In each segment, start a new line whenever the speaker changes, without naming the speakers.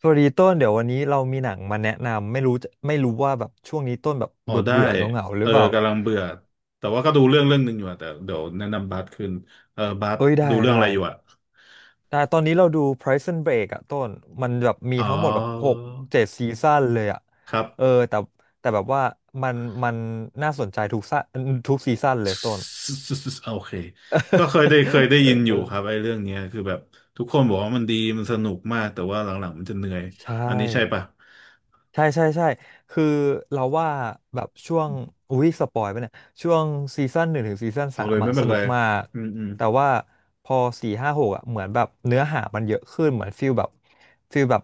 สวัสดีต้นเดี๋ยววันนี้เรามีหนังมาแนะนำไม่รู้ว่าแบบช่วงนี้ต้นแบบ
อ๋อ
เบื่อ
ได้
เบื่อเงาเงาๆหรื
เอ
อ
อ
เปล่า
กำลังเบื่อแต่ว่าก็ดูเรื่องเรื่องหนึ่งอยู่อะแต่เดี๋ยวแนะนำบาสขึ้นเออบาส
เอ้ยได้
ดูเรื่อง
ได้
อะไรอยู่อะ
ได้ตอนนี้เราดู Prison Break อะต้นมันแบบมี
อ๋
ทั้งหมดแบบห
อ
กเจ็ดซีซั่นเลยอะ
ครับ
เออแต่แบบว่ามันมันน่าสนใจทุกซีซั่นเลยต้น
โอเคก็เคยได้เคย ได้
เออ
ยินอ
เอ
ยู่ครับ
อ
ไอ้เรื่องเนี้ยคือแบบทุกคนบอกว่ามันดีมันสนุกมากแต่ว่าหลังๆมันจะเหนื่อย
ใช่
อันนี้ใช่ปะ
ใช่คือเราว่าแบบช่วงอุ้ยสปอยไปเนี่ยช่วงซีซั่นหนึ่งถึงซีซั่น
เอา
สา
เล
ม
ยไม่
อะ
เป็
ส
น
นุ
ไร
กมาก
อืมอืม
แต่ว่าพอสี่ห้าหกอะเหมือนแบบเนื้อหามันเยอะขึ้นเหมือนฟิลแบบ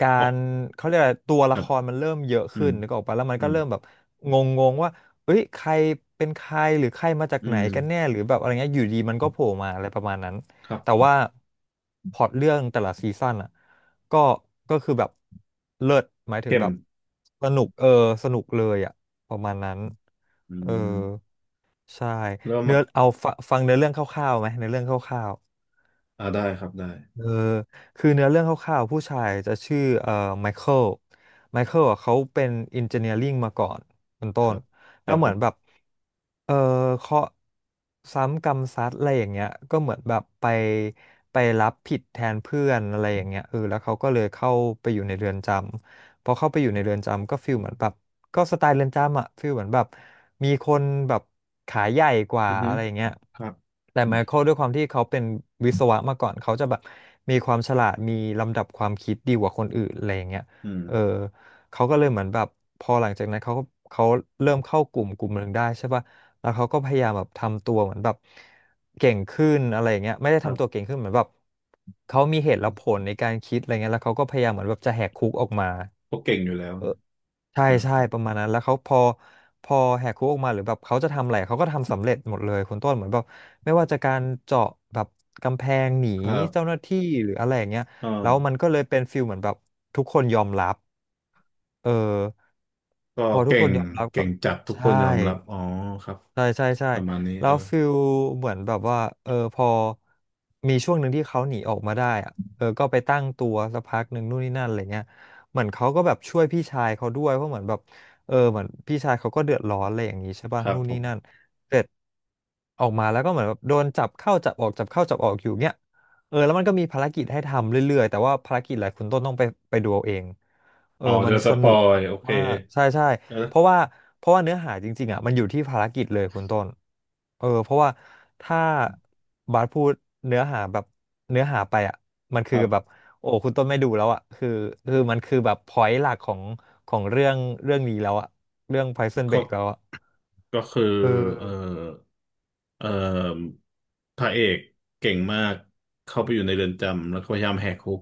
กา
ออก
รเขาเรียกอะไรตัว
ค
ละ
รั
ค
บ
รมันเริ่มเยอะ
อื
ขึ้
ม
นนึกออกปะแล้วมัน
อื
ก็
ม
เริ่มแบบงงงว่าเอ้ยใครเป็นใครหรือใครมาจาก
อื
ไหน
ม
กันแน่หรือแบบอะไรเงี้ยอยู่ดีมันก็โผล่มาอะไรประมาณนั้น
ครั
แต่
บ
ว่าพล็อตเรื่องแต่ละซีซั่นอะ ก็ก็คือแบบเลิศหมายถึง
เข้ม
แบบสนุกเออสนุกเลยอ่ะประมาณนั้น
อื
เออ
ม
ใช่
เริ่ม
เนื้
อ่ะ
อเอาฟังเนื้อเรื่องคร่าวๆไหมเนื้อเรื่องคร่าว
อ่าได้ครับได้
เออคือเนื้อเรื่องคร่าวๆผู้ชายจะชื่อไมเคิลไมเคิลอ่ะเขาเป็นอินเจเนียริงมาก่อนเป็น
ค
ต้
รั
น
บค
แล้
รั
ว
บ
เห
ผ
มือนแบบ
ม
เออเคราะห์ซ้ำกรรมซัดอะไรอย่างเงี้ยก็เหมือนแบบไปรับผิดแทนเพื่อนอะไรอย่างเงี้ยเออแล้วเขาก็เลยเข้าไปอยู่ในเรือนจำพอเข้าไปอยู่ในเรือนจำก็ฟีลเหมือนแบบ ก็สไตล์เรือนจำอะคือเหมือนแบบมีคนแบบขาใหญ่กว่า
อือฮึ
อะไรอย่างเงี้ย
ครับ
แต่ไมเคิลด้วยความที่เขาเป็นวิศวะมาก่อนเขาจะแบบมีความฉลาดมีลำดับความคิดดีกว่าคนอื่นอะไรอย่างเงี้ย
อืม
เออเขาก็เลยเหมือนแบบพอหลังจากนั้นเขาเริ่มเข้ากลุ่มกลุ่มหนึ่งได้ใช่ป่ะแล้วเขาก็พยายามแบบทำตัวเหมือนแบบเก่งขึ้นอะไรอย่างเงี้ยไม่ได้
ครั
ทำตัว
บ
เก่งขึ้นเหมือนแบบเขามีเหตุและผลในการคิดอะไรเงี้ยแล้วเขาก็พยายามเหมือนแบบจะแหกคุกออกมา
ก็เก่งอยู่แล้ว
เออใช่
นะ
ใช่ประมาณนั้นแล้วเขาพอแหกคุกออกมาหรือแบบเขาจะทำอะไรเขาก็ทำสำเร็จหมดเลยคุณต้นเหมือนแบบไม่ว่าจะการเจาะแบบกำแพงหนี
ครั
เจ้าห
บ
น้าที่หรืออะไรอย่างเงี้ย
อ
แล้วมั
่า
นก็เลยเป็นฟิลเหมือนแบบทุกคนยอมรับเออ
ก็
พอทุก
เก่
คน
ง
ยอมรับ
เก่
ก็
งจัดทุกค
ใช่
นยอมรับอ๋อครับ
ใช่
ประมาณนี้
แล้
เออ
วฟิลเหมือนแบบว่าเออพอมีช่วงหนึ่งที่เขาหนีออกมาได้อะเออก็ไปตั้งตัวสักพักหนึ่งนู่นนี่นั่นอะไรเงี้ยเหมือนเขาก็แบบช่วยพี่ชายเขาด้วยเพราะเหมือนแบบเออเหมือนพี่ชายเขาก็เดือดร้อนอะไรอย่างนี้ใช่ป่ะ
ครับ
นู่น
ผ
นี่
ม
นั่นเสร็จออกมาแล้วก็เหมือนแบบโดนจับเข้าจับออกจับเข้าจับออกอยู่เงี้ยเออแล้วมันก็มีภารกิจให้ทำเรื่อยๆแต่ว่าภารกิจหลายคุณต้นต้องไปดูเอาเองเออ
อ๋อเด
มัน
อะส
ส
ป
นุ
อ
ก
ยโอเค
ว่าใช่
เออ
เพราะว่าเพราะว่าเนื้อหาจริงๆอ่ะมันอยู่ที่ภารกิจเลยคุณต้นเออเพราะว่าถ้าบาสพูดเนื้อหาแบบเนื้อหาไปอ่ะมัน
ค
คือ
รับ
แบบโอ้คุณต้นไม่ดูแล้วอ่ะคือมันคือแบบพอยต์หลักของเรื่องนี้แล้วอ่ะเรื่อง Prison
ก็
Break แล้วอ่ะ
ก็คือ
เอ
เออ
อ
เออพระเอกเก่งมากเข้าไปอยู่ในเรือนจำแล้วก็พยายามแหกคุก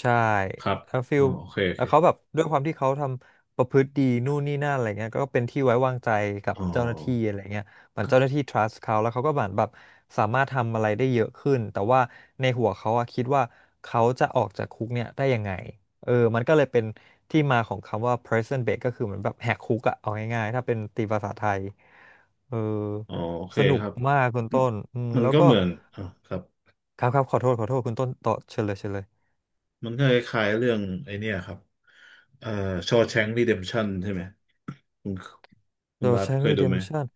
ใช่
ครับ
แล้วฟิ
อ๋อ
ล
โอเคโอ
แล้
เค
วเขาแบบด้วยความที่เขาทำประพฤติดีนู่นนี่นั่นอะไรเงี้ยก็เป็นที่ไว้วางใจกับ
อ๋อ
เจ้าหน้าที่อะไรเงี้ยเหมือนเจ้าหน้าที่ trust เขาแล้วเขาก็เหมือนแบบสามารถทำอะไรได้เยอะขึ้นแต่ว่าในหัวเขาอะคิดว่าเขาจะออกจากคุกเนี่ยได้ยังไงเออมันก็เลยเป็นที่มาของคำว่า prison break ก็คือเหมือนแบบแหกคุกอะเอาง่ายๆถ้าเป็นตีภาษาไทยเออ
อ๋อโอเค
สนุ
ค
ก
รับ
มากคุณ
มัน
ต้นอืม
มัน
แล้ว
ก็
ก็
เหมือนอ่ะครับ
ครับขอโทษคุณต้นต่อเชิญเลย
มันก็คล้ายๆเรื่องไอ้เนี่ยครับเอ่อชอว์แชงก์รีเดมชั่นใช่ไหมคุณคุณ
The
บาสเค
Shawshank
ยดูไหม
Redemption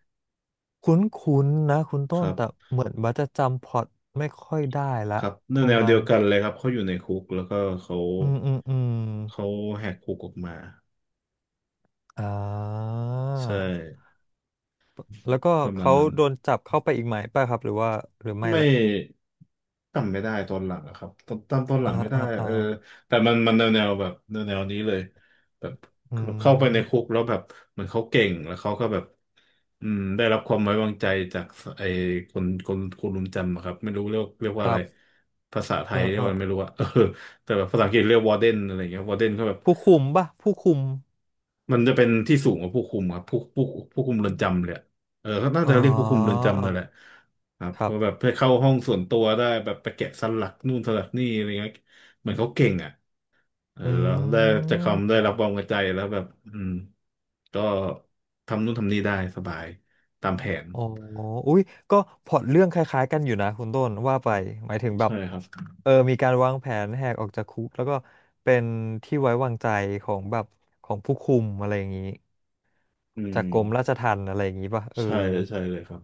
คุ้นๆนะคุณ
ค
ต้น
รั
แต่
บ
เหมือนบัสจะจำพล็อตไม่ค่อยได้
ค
ละ
รับ
ป
แน
ระ
ว
มา
เดี
ณ
ยวกันเลยครับเขาอยู่ในคุกแล้วก็เขา
อืม
เขาแหกคุกออกมา
อ่า
ใช่
แล้วก็
ประมาณ
เขา
นั้น
โดนจับเข้าไปอีกไหมป่ะครับหรือว่าหรือไม่
ไม่
ละ
จำไม่ได้ตอนหลังอะครับตอนหลั
อ่า
งไม่ได้
อ่าอ่า
เออแต่มันแนวแนวแบบแนวแนวนี้เลยแบบ
อื
คือแบบเข้าไปในคุ
ม
กแล้วแบบเหมือนเขาเก่งแล้วเขาก็แบบอืมได้รับความไว้วางใจจากไอ้คนรุมจำอะครับไม่รู้เรียกว่า
ค
อะ
รั
ไร
บ
ภาษาไท
เออ
ยเรีย
เอ
ก
อ
ว่าไม่รู้อะ เออแต่แบบภาษาอังกฤษเรียกวอร์เดนอะไรเงี้ยวอร์เดนก็แบบ
ผู้คุม
มันจะเป็นที่สูงกว่าผู้คุมครับผู้คุมเรือนจำเลยอะเออเขาน่า
อ๋อ
จะเรียกผู้คุมเรือนจำนั่นแหละครับ
ครั
เขา
บ
แบบไปเข้าห้องส่วนตัวได้แบบไปแกะสลักนู่นสลักนี่อะไรเงี้ยเหมือนเขาเก่งอ่ะเออ
อ
แล้ว
ื
ได้จากคำได้รับ
ม
ความไว้ใจแล้วแบบอืมก็ทำนู่นทำนี่ได้สบายตามแผน
อ๋ออุ้ยก็พล็อตเรื่องคล้ายๆกันอยู่นะคุณต้นว่าไปหมายถึงแบ
ใช่
บ
ครับ
เออมีการวางแผนแหกออกจากคุกแล้วก็เป็นที่ไว้วางใจของแบบของผู้คุมอะไรอย่างนี้
อื
จาก
ม
กรมราชทัณฑ์อะไรอย่างนี้ป่ะเออ
ใช่ใช่เลยครับ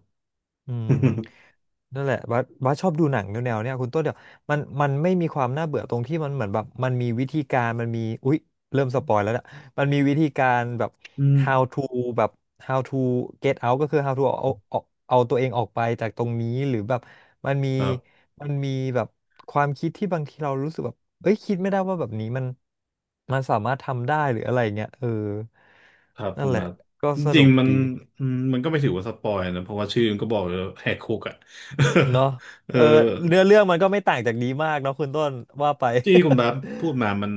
อืมนั่นแหละบัสชอบดูหนังแนวๆเนี่ยคุณต้นเดี๋ยวมันไม่มีความน่าเบื่อตรงที่มันเหมือนแบบมันมีวิธีการมันมีอุ๊ยเริ่มสปอยแล้วเนี่ยมันมีวิธีการแบบ
อืม
how to แบบ how to get out ก็คือ how to เอาเอาตัวเองออกไปจากตรงนี้หรือแบบมันมี
ครับ
มันมีแบบความคิดที่บางทีเรารู้สึกแบบเอ้ยคิดไม่ได้ว่าแบบนี้มันสามารถทำได้หรืออะไรเงี้ยเออ
ครับ
นั่
คุ
น
ณ
แห
บา
ละ
ส
ก็
จ
ส
ริง
นุก
ๆมัน
ดี
อืมมันก็ไม่ถือว่าสปอยนะเพราะว่าชื่อมันก็บอกเลยแหกคุกอ่ะ
เนาะ
เออ
เออเนื้อเรื่องมันก็ไม่ต่างจากนี้มากเนาะคุณต้นว่าไป
ที่คุณบาส พูดมามัน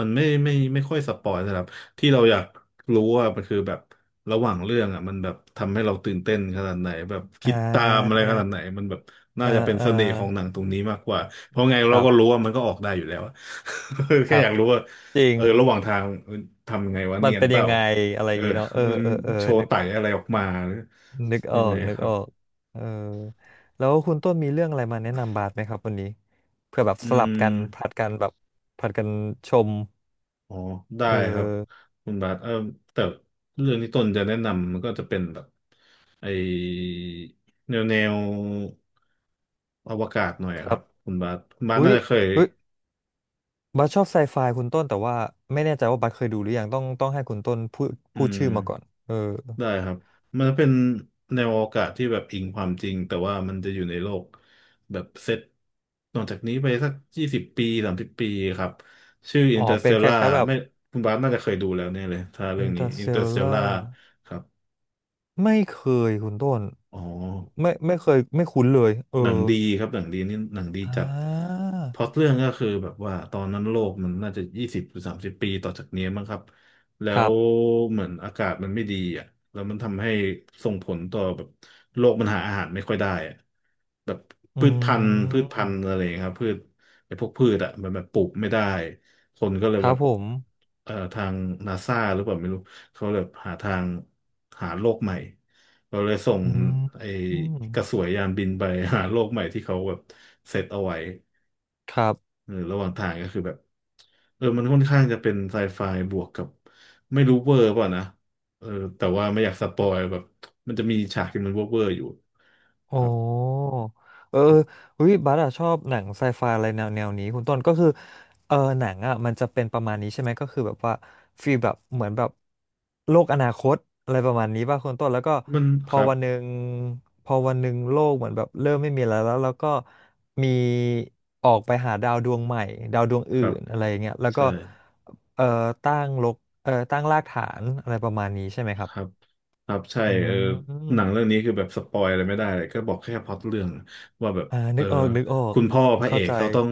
ไม่ค่อยสปอยนะครับที่เราอยากรู้ว่ามันคือแบบระหว่างเรื่องอ่ะมันแบบทำให้เราตื่นเต้นขนาดไหนแบบ
อ่
คิดตามอะไร
า
ขนาดไหนมันแบบ
เอ
น่า
อ
จะเป็น
เออ
เสน่ห์ของหนังตรงนี้มากกว่าเพราะไง
ค
เรา
รับ
ก็รู้ว่ามันก็ออกได้อยู่แล้วอะ
ค
แค่
รั
อ
บ
ยากรู้ว่า
จริง
เออระหว่างทางทำยังไงวะ
มั
เนี
น
ยน
เป็น
เป
ยั
ล่า
งไงอะไรอ
เออ
ย่างงี้เนาะเออ
มัน
เออเออ
โชว์
นึก
ไต่อะไรออกมาหรือ
นึกอ
ยั
อ
งไง
กนึ
ค
ก
รั
อ
บ
อกเออแล้วคุณต้นมีเรื่องอะไรมาแนะนำบาสไหมครับวันนี้เพื่อแบบ
อื
สลับกันผลั
ม
ดกันแบบผลัดกันชม
อ๋อได้
เอ
ครับ
อ
คุณบาทเออแต่เรื่องที่ต้นจะแนะนำมันก็จะเป็นแบบไอแนวแนวอวกาศหน่อย
ค
อะค
รั
รั
บ
บคุณบาทคุณบาท
อุ้
น่า
ย
จะเคย
อุ้ยบัสชอบไซไฟคุณต้นแต่ว่าไม่แน่ใจว่าบัสเคยดูหรือยังต้องให้คุณต้นพูดพู
อื
ดชื่
ม
อมาก่อนเออ
ได้ครับ มันจะเป็นแนวอวกาศที่แบบอิงความจริงแต่ว่ามันจะอยู่ในโลกแบบเซตนอกจากนี้ไปสัก20 ปีสามสิบปีครับชื่อ
อ๋อเป็นค
Interstellar
ล้ายๆแบบ
ไม่คุณบาสน่าจะเคยดูแล้วแน่ยเลยถ้าเรื่องนี้ Interstellar
Interstellar
ครับ
ไม่เคยคุณต้น
อ๋อ
ไม่เคยไม่คุ้นเลยเออ
หนังดีครับหนังดีนี่หนังดี
อ่
จัด
า
พล็อตเรื่องก็คือแบบว่าตอนนั้นโลกมันน่าจะยี่สิบหรือสามสิบปีต่อจากนี้มั้งครับแล้
ครั
ว
บ
เหมือนอากาศมันไม่ดีอ่ะแล้วมันทำให้ส่งผลต่อแบบโลกมันหาอาหารไม่ค่อยได้อะแบบ
อื
พืชพันธุ์พืชพันธุ์
ม
อะไรอย่างเงี้ยครับพืชไอ้พวกพืชอ่ะมันแบบปลูกไม่ได้คนก็เลย
ค
แบ
รับ
บ
ผม
ทางนาซาหรือเปล่าไม่รู้เขาแบบหาทางหาโลกใหม่ เราเลยส่ง
อืม
ไอ้
อืม
กระสวยยานบินไปหาโลกใหม่ที่เขาแบบเซตเอาไว้
ครับ
เออระหว่างทางก็คือแบบเออมันค่อนข้างจะเป็นไซไฟบวกกับไม่รู้เวอร์เปล่ะนะเออแต่ว่าไม่อยากสปอยแบบมันจะมีฉากที่มันเวอร์เวอร์อยู่
โอ้
ครับ
เออเฮ้ยบัสอะชอบหนังไซไฟอะไรแนวแนวนี้คุณต้นก็คือเออหนังอะมันจะเป็นประมาณนี้ใช่ไหมก็คือแบบว่าฟีลแบบเหมือนแบบโลกอนาคตอะไรประมาณนี้ป่ะคุณต้นแล้วก็
มัน
พ
ค
อ
รับ
วันหนึ่งพอวันหนึ่งโลกเหมือนแบบเริ่มไม่มีอะไรแล้วแล้วก็มีออกไปหาดาวดวงใหม่ดาวดวง
ค
อื่
รับ
นอะไรอย่างเงี้ยแล้วก็
ใช่
เออตั้งรกเออตั้งรากฐานอะไรประมาณนี้ใช่ไหมครั
ค
บ
รับครับใช่
อื
เออหนัง
ม
เรื่องนี้คือแบบสปอยอะไรไม่ได้เลยก็บอกแค่พล็อตเรื่องว่าแบบ
อ่า
เอ
นึ
อ
กออก
คุณพ่อพระเอ
เข้า
ก
ใจ
เขาต้อง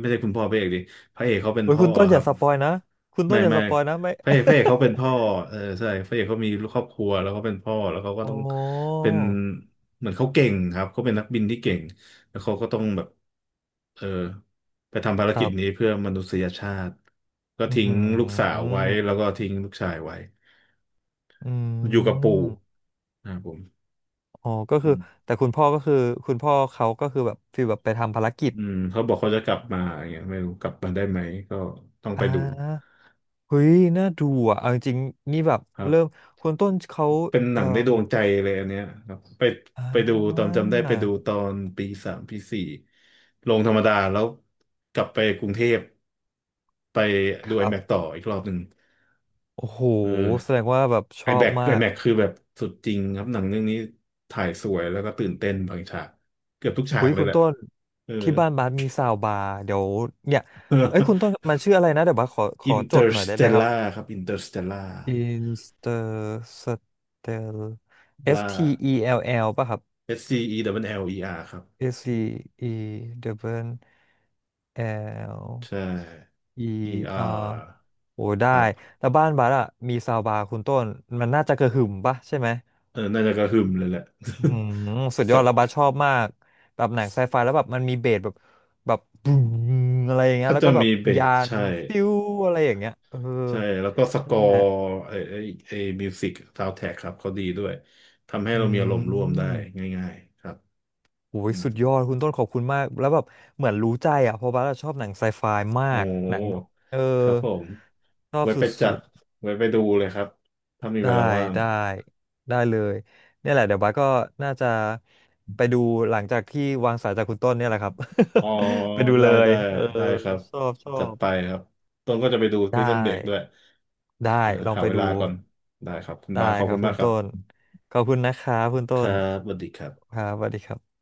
ไม่ใช่คุณพ่อพระเอกดิพระเอกเขาเป็น
โอ้ย
พ่อ
คุณต้น
ค
อ
รั
ย่า
บ
สปอยนะคุณต้
ไม่
นอย่า
ไม่
สปอยนะไม่
พระเอกเขาเป็นพ่อเออใช่พระเอกเขามีครอบครัวแล้วเขาเป็นพ่อแล้วเขาก็
โอ้
ต้องเป็นเหมือนเขาเก่งครับเขาเป็นนักบินที่เก่งแล้วเขาก็ต้องแบบเออไปทำภาร
ค
กิ
รั
จนี้
บ
เพื่อมนุษยชาติก็
อือ
ทิ้ง
หื
ลูกสาว
อ
ไว้แล้วก็ทิ้งลูกชายไว้
อื
อยู่กับปู่
ม
นะครับผม
อ๋อก็
อื
คือ
ม
แต่คุณพ่อก็คือคุณพ่อเขาก็คือแบบฟีลแบบไปทำภารกิจ
อืมเขาบอกเขาจะกลับมาอย่างเงี้ยไม่รู้กลับมาได้ไหมก็ต้องไป
อ่
ดู
าเฮ้ยน่าดูอ่ะเอาจริงๆนี่แบบ
ครั
เริ่ม
บ
คุณต้นเขา
เป็นหนั
เอ่อ
งในดวงใจเลยอันเนี้ยครับไป
อ่
ไปดูตอน
า
จำได้ไปดูตอนปีสามปีสี่ลงธรรมดาแล้วกลับไปกรุงเทพไป
ค
ดู
รั
IMAX
บ
ต่ออีกรอบหนึ่ง
โอ้โห
เออ
แสดงว่าแบบชอบ
IMAX
มาก
IMAX คือแบบสุดจริงครับหนังเรื่องนี้ถ่ายสวยแล้วก็ตื่นเต้นบางฉากเกือบทุกฉา
คุ
ก
ย
เลย
คุณ
แหละ
ต้น
เออ
ที่บ้านบาสมีซาวบาร์เดี๋ยวเนี่ยเอ้ยคุณต้นมันชื่ออะไรนะเดี๋ยวบาสขอข
อิ
อ
น
จ
เตอ
ดห
ร์
น่อย
ส
ได้
เต
ไหม
ล
ครับ
ล่าครับอินเตอร์สเตลล่า
Instel
ล่า
S T E L L ป่ะครับ
S C E อ L E R ครับ
S T E W L
ใช่ E
E
R
R โอ้ได้
ครับ
แล้วบ้านบาสอะมีซาวบาร์คุณต้นมันน่าจะกระหึ่มป่ะใช่ไหม
เออน่าจะกระหึ่มเลยแหละ
อืมสุด ยอ
สั
ด
ก
แล้วบัสชอบมากแบบหนังไซไฟแล้วแบบมันมีเบสแบบบูมอะไรอย่างเงี้ย
น่า
แล้ว
จะ
ก็แบบ
มีเบ
ยา
ส
น
ใช่
ซิวอะไรอย่างเงี้ยเออ
ใช่แล้วก็สก
นั่
อ
นแห
ร์
ละ
ไอไอไอมิวสิกซาวด์แทร็กครับเขาดีด้วยทำให้
อื
เรามีอารมณ์ร่วมได้
ม
ง่ายๆครับ
โอ้
อื
ย
ม
สุดยอดคุณต้นขอบคุณมากแล้วแบบเหมือนรู้ใจอ่ะเพราะบัสอะชอบหนังไซไฟมา
โอ
กหนังแบ
้
บเออ
ครับผม
ชอบ
ไว้
ส
ไปจั
ุ
ด
ด
ไว้ไปดูเลยครับถ้ามี
ๆ
เว
ได้
ลาว่าง
ได้ได้เลยเนี่ยแหละเดี๋ยวบัสก็น่าจะไปดูหลังจากที่วางสายจากคุณต้นเนี่ยแหละครับ
อ๋อ
ไปดู
ได้
เลย
ได้
เออ
ได้ครับ
ชอบชอ
จัด
บ
ไปครับต้นก็จะไปดูพิ
ได้
ซซันเด็กด้วย
ได้
เออ
ลอง
หา
ไป
เว
ดู
ลาก่อนได้ครับคุณ
ได้
บาสขอบ
ครั
คุ
บ
ณ
คุ
มาก
ณ
ครั
ต้
บ
นขอบคุณนะครับคุณ
ค
ต้
รั
น
บสวัสดีครับ
ครับสวัสดีครับ